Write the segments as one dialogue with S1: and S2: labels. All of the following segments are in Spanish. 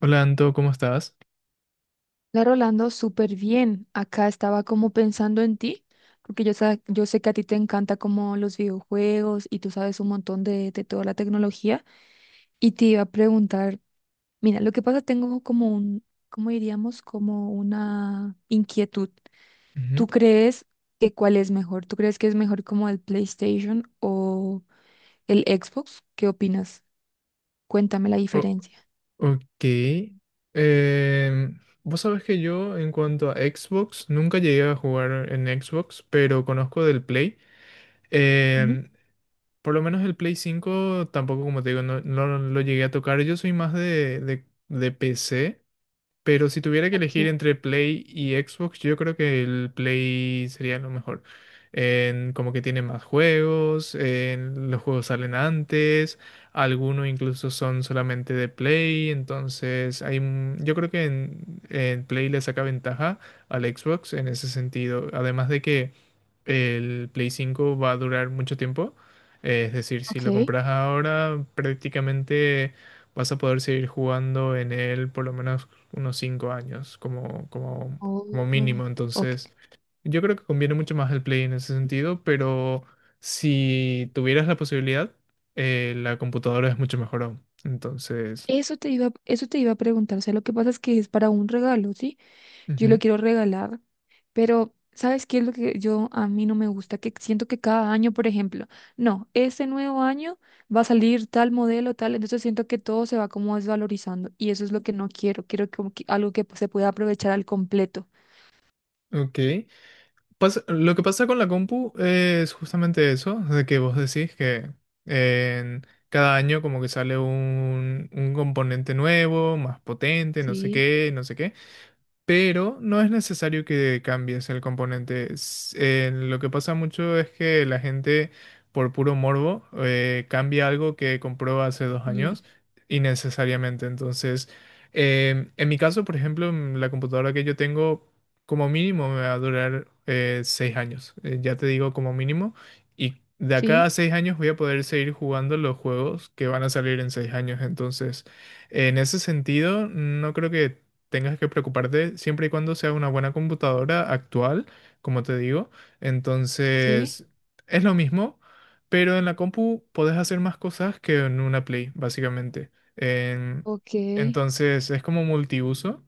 S1: Hola Anto, ¿cómo estás?
S2: La Rolando, súper bien. Acá estaba como pensando en ti, porque yo sé que a ti te encanta como los videojuegos y tú sabes un montón de toda la tecnología. Y te iba a preguntar, mira, lo que pasa, tengo como un, ¿cómo diríamos? Como una inquietud.
S1: Ujú.
S2: ¿Tú crees que cuál es mejor? ¿Tú crees que es mejor como el PlayStation o el Xbox? ¿Qué opinas? Cuéntame la
S1: O-
S2: diferencia.
S1: ok. Vos sabés que yo en cuanto a Xbox, nunca llegué a jugar en Xbox, pero conozco del Play.
S2: Ujú.
S1: Em, por lo menos el Play 5 tampoco, como te digo, no lo llegué a tocar. Yo soy más de PC. Pero si tuviera que elegir
S2: Ok,
S1: entre Play y Xbox, yo creo que el Play sería lo mejor. Como que tiene más juegos, los juegos salen antes, algunos incluso son solamente de Play, entonces yo creo que en Play le saca ventaja al Xbox en ese sentido. Además de que el Play 5 va a durar mucho tiempo, es decir, si
S2: ok.
S1: lo compras ahora, prácticamente vas a poder seguir jugando en él por lo menos unos cinco años como
S2: Oh,
S1: mínimo.
S2: ok.
S1: Entonces, yo creo que conviene mucho más el Play en ese sentido, pero si tuvieras la posibilidad, la computadora es mucho mejor aún. Entonces,
S2: Eso te iba a preguntar. O sea, lo que pasa es que es para un regalo, ¿sí? Yo lo
S1: ujú,
S2: quiero regalar, pero ¿sabes qué es lo que yo a mí no me gusta? Que siento que cada año, por ejemplo, no, este nuevo año va a salir tal modelo, tal, entonces siento que todo se va como desvalorizando y eso es lo que no quiero. Quiero como que algo que se pueda aprovechar al completo.
S1: ok. Pasa- lo que pasa con la compu es justamente eso, de que vos decís que en cada año como que sale un componente nuevo, más potente, no sé
S2: Sí,
S1: qué, no sé qué. Pero no es necesario que cambies el componente. Lo que pasa mucho es que la gente, por puro morbo, cambia algo que compró hace dos
S2: sí,
S1: años innecesariamente. Entonces, en mi caso, por ejemplo, la computadora que yo tengo, como mínimo me va a durar seis años. Ya te digo, como mínimo. Y de acá a
S2: sí,
S1: seis años voy a poder seguir jugando los juegos que van a salir en seis años. Entonces, en ese sentido, no creo que tengas que preocuparte siempre y cuando sea una buena computadora actual, como te digo.
S2: sí,
S1: Entonces, es lo mismo, pero en la compu podés hacer más cosas que en una Play, básicamente. En-
S2: ok.
S1: entonces, es como multiuso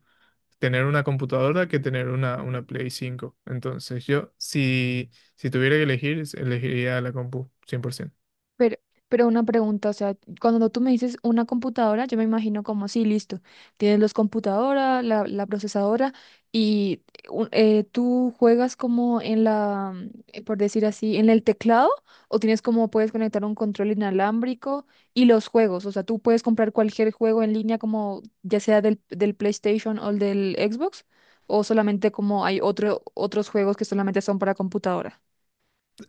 S1: tener una computadora que tener una Play cinco. Entonces, yo, si tuviera que elegir, elegiría la compu, cien por ciento.
S2: Pero, pero una pregunta, o sea, cuando tú me dices una computadora, yo me imagino como, sí, listo, tienes los computadoras, la procesadora, y tú juegas como en la, por decir así, en el teclado, o tienes como, puedes conectar un control inalámbrico y los juegos, o sea, tú puedes comprar cualquier juego en línea como, ya sea del PlayStation o el del Xbox, o solamente como hay otros juegos que solamente son para computadora.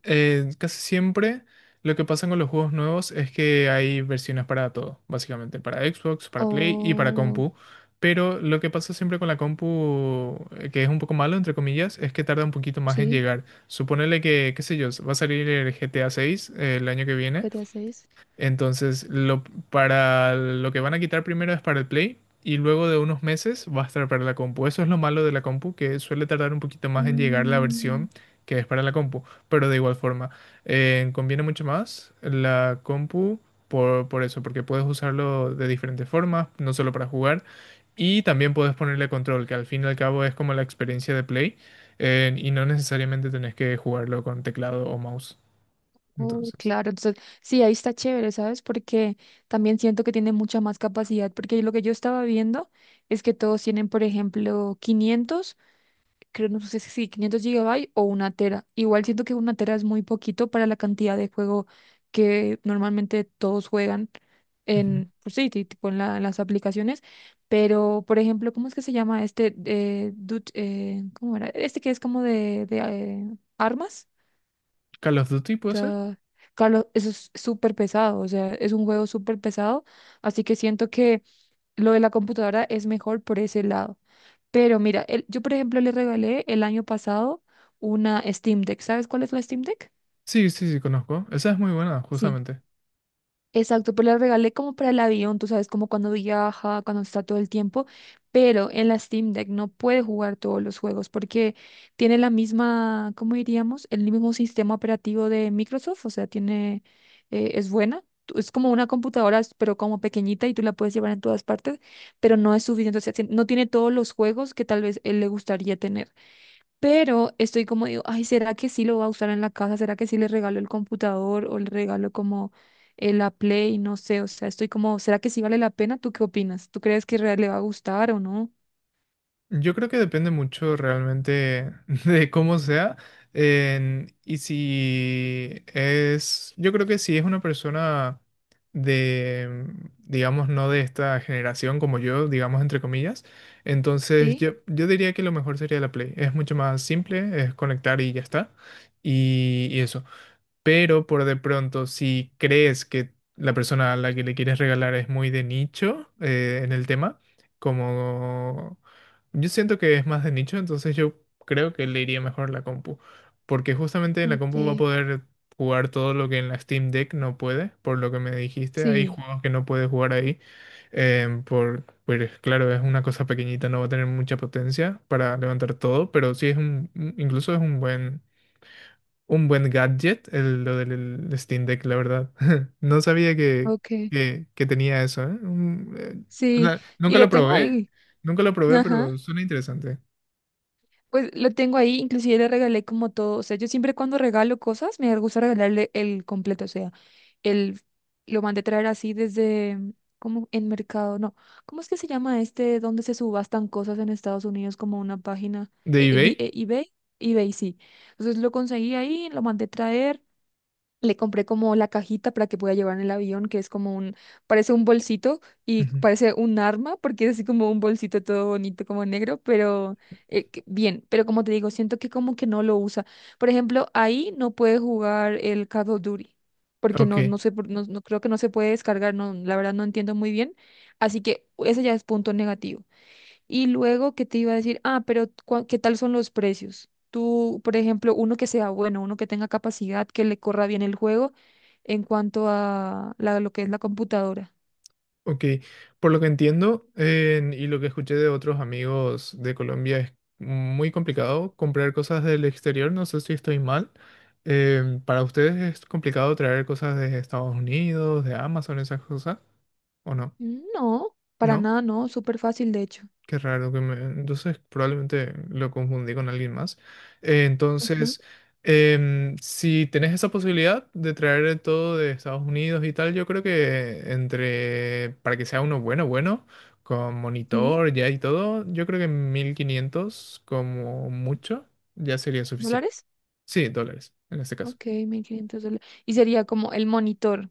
S1: Casi siempre lo que pasa con los juegos nuevos es que hay versiones para todo, básicamente, para Xbox, para Play y para
S2: Oh,
S1: compu. Pero lo que pasa siempre con la compu, que es un poco malo, entre comillas, es que tarda un poquito más en
S2: sí,
S1: llegar. Suponele que, qué sé yo, va a salir el GTA 6 el año que viene.
S2: GTA 6.
S1: Entonces, para lo que van a quitar primero es para el Play y luego de unos meses va a estar para la compu. Eso es lo malo de la compu, que suele tardar un poquito más en llegar la
S2: Mm,
S1: versión que es para la compu, pero de igual forma, conviene mucho más la compu por eso, porque puedes usarlo de diferentes formas, no solo para jugar, y también puedes ponerle control, que al fin y al cabo es como la experiencia de Play, y no necesariamente tenés que jugarlo con teclado o mouse.
S2: oh,
S1: Entonces,
S2: claro, entonces sí, ahí está chévere, ¿sabes? Porque también siento que tiene mucha más capacidad, porque lo que yo estaba viendo es que todos tienen, por ejemplo, 500 creo, no sé si 500 gigabytes o una tera. Igual siento que una tera es muy poquito para la cantidad de juego que normalmente todos juegan
S1: ujú.
S2: en, pues sí, tipo en las aplicaciones, pero, por ejemplo, ¿cómo es que se llama este, ¿cómo era? Este que es como de armas.
S1: Call of Duty puede ser.
S2: Ya. Carlos, eso es súper pesado, o sea, es un juego súper pesado, así que siento que lo de la computadora es mejor por ese lado. Pero mira, yo por ejemplo le regalé el año pasado una Steam Deck. ¿Sabes cuál es la Steam Deck?
S1: Sí, sí, sí, conozco. Esa es muy buena,
S2: Sí.
S1: justamente.
S2: Exacto, pero la regalé como para el avión, tú sabes, como cuando viaja, cuando está todo el tiempo, pero en la Steam Deck no puede jugar todos los juegos porque tiene la misma, ¿cómo diríamos? El mismo sistema operativo de Microsoft, o sea, tiene, es buena, es como una computadora, pero como pequeñita y tú la puedes llevar en todas partes, pero no es suficiente, o sea, no tiene todos los juegos que tal vez él le gustaría tener. Pero estoy como digo, ay, ¿será que sí lo va a usar en la casa? ¿Será que sí le regalo el computador o le regalo como la Play? No sé, o sea, estoy como, ¿será que sí vale la pena? ¿Tú qué opinas? ¿Tú crees que real le va a gustar o no?
S1: Yo creo que depende mucho realmente de cómo sea. Y si es, yo creo que si es una persona de, digamos, no de esta generación como yo, digamos, entre comillas, entonces
S2: Sí,
S1: yo diría que lo mejor sería la Play. Es mucho más simple, es conectar y ya está. Y eso. Pero por de pronto, si crees que la persona a la que le quieres regalar es muy de nicho en el tema, como yo siento que es más de nicho, entonces yo creo que le iría mejor la compu, porque justamente en la
S2: ok.
S1: compu va a poder jugar todo lo que en la Steam Deck no puede, por lo que me dijiste, hay
S2: Sí,
S1: juegos que no puede jugar ahí, pues claro, es una cosa pequeñita, no va a tener mucha potencia para levantar todo, pero sí es incluso es un buen gadget, lo del el Steam Deck, la verdad. No sabía
S2: ok.
S1: que tenía eso, ¿eh?
S2: Sí, y
S1: Nunca
S2: lo
S1: lo
S2: tengo
S1: probé,
S2: ahí.
S1: nunca lo probé, pero
S2: Ajá.
S1: suena interesante.
S2: Pues lo tengo ahí, inclusive le regalé como todo, o sea, yo siempre cuando regalo cosas me gusta regalarle el completo, o sea, el lo mandé traer así desde como en mercado, no, ¿cómo es que se llama este donde se subastan cosas en Estados Unidos como una página?
S1: ¿De eBay?
S2: ¿eBay? EBay, sí. Entonces lo conseguí ahí, lo mandé traer, le compré como la cajita para que pueda llevar en el avión, que es como un, parece un bolsito y
S1: Ujú.
S2: parece un arma, porque es así como un bolsito todo bonito, como negro, pero bien, pero como te digo, siento que como que no lo usa. Por ejemplo, ahí no puede jugar el Call of Duty, porque
S1: Ok,
S2: no, no sé, no, no creo que no se puede descargar, no, la verdad no entiendo muy bien. Así que ese ya es punto negativo. Y luego, ¿qué te iba a decir? Ah, pero ¿qué tal son los precios? Tú, por ejemplo, uno que sea bueno, uno que tenga capacidad, que le corra bien el juego en cuanto a lo que es la computadora.
S1: ok. Por lo que entiendo y lo que escuché de otros amigos de Colombia es muy complicado comprar cosas del exterior, no sé si estoy mal. ¿Para ustedes es complicado traer cosas de Estados Unidos, de Amazon, esas cosas? ¿O no?
S2: Mm, no, para
S1: ¿No?
S2: nada, no, súper fácil de hecho.
S1: Qué raro que me... Entonces probablemente lo confundí con alguien más.
S2: Ajá.
S1: Entonces, si tenés esa posibilidad de traer todo de Estados Unidos y tal, yo creo que entre... Para que sea uno bueno, bueno, con
S2: Sí,
S1: monitor ya y todo, yo creo que 1500 como mucho ya sería suficiente.
S2: ¿dólares?
S1: Sí, dólares en este caso.
S2: Ok, $1500. Y sería como el monitor.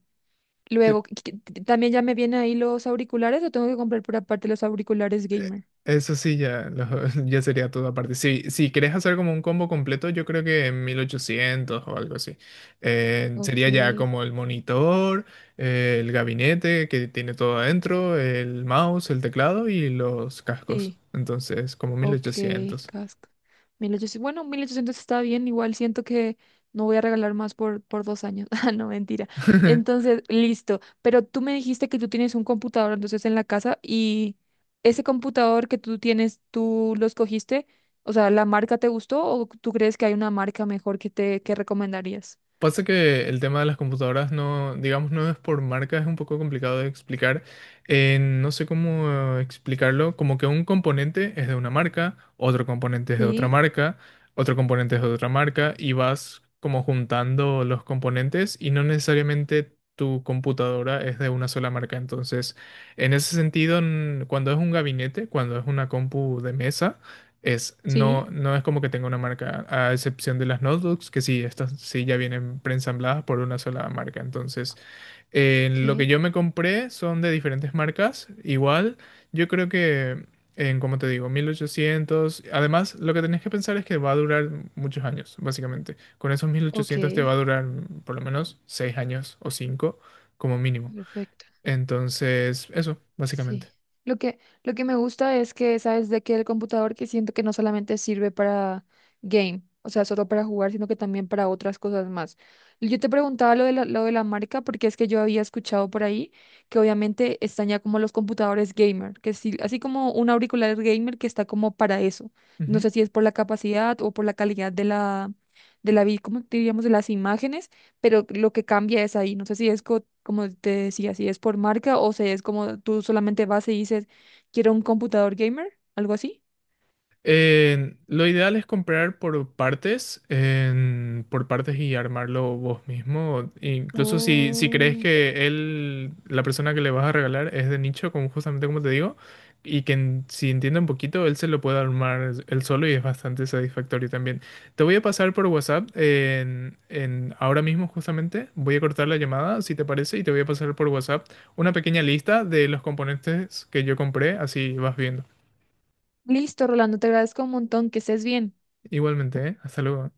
S2: Luego, ¿también ya me vienen ahí los auriculares o tengo que comprar por aparte los auriculares gamer?
S1: Eso sí, ya sería todo aparte. Si querés hacer como un combo completo, yo creo que en 1800 o algo así.
S2: Ok.
S1: Sería ya como el monitor, el gabinete que tiene todo adentro, el mouse, el teclado y los cascos.
S2: Sí.
S1: Entonces, como mil
S2: Ok,
S1: ochocientos
S2: casco. 1800. Bueno, 1800 está bien, igual siento que no voy a regalar más por 2 años. Ah, no, mentira. Entonces, listo. Pero tú me dijiste que tú tienes un computador entonces en la casa y ese computador que tú tienes, ¿tú lo escogiste? O sea, ¿la marca te gustó o tú crees que hay una marca mejor que te que recomendarías?
S1: Pasa que el tema de las computadoras no, digamos, no es por marca, es un poco complicado de explicar. No sé cómo explicarlo, como que un componente es de una marca, otro componente es de otra
S2: Sí,
S1: marca, otro componente es de otra marca, y vas como juntando los componentes y no necesariamente tu computadora es de una sola marca. Entonces, en ese sentido, cuando es un gabinete, cuando es una compu de mesa, no,
S2: sí,
S1: no es como que tenga una marca, a excepción de las notebooks, que sí, estas sí ya vienen preensambladas por una sola marca. Entonces, lo que
S2: ok,
S1: yo me compré son de diferentes marcas. Igual, yo creo que en, como te digo, 1800. Además, lo que tenés que pensar es que va a durar muchos años, básicamente. Con esos mil
S2: ok,
S1: ochocientos te va a durar por lo menos 6 años o 5 como mínimo.
S2: perfecto.
S1: Entonces, eso, básicamente.
S2: Sí. Lo que me gusta es que, ¿sabes? De que el computador que siento que no solamente sirve para game, o sea, solo para jugar, sino que también para otras cosas más. Yo te preguntaba lo de la marca porque es que yo había escuchado por ahí que obviamente están ya como los computadores gamer, que sí, así como un auricular gamer que está como para eso. No sé si es por la capacidad o por la calidad de la, ¿cómo diríamos? De las imágenes, pero lo que cambia es ahí. No sé si es como te decía, si es por marca o si es como tú solamente vas y dices, quiero un computador gamer, algo así.
S1: Lo ideal es comprar por partes, por partes y armarlo vos mismo. Incluso si, si crees
S2: Oh,
S1: que él, la persona que le vas a regalar es de nicho, como justamente como te digo, y que si entiende un poquito, él se lo puede armar él solo y es bastante satisfactorio también. Te voy a pasar por WhatsApp ahora mismo justamente. Voy a cortar la llamada, si te parece, y te voy a pasar por WhatsApp una pequeña lista de los componentes que yo compré, así vas viendo.
S2: listo, Rolando, te agradezco un montón, que estés bien.
S1: Igualmente, ¿eh? Hasta luego.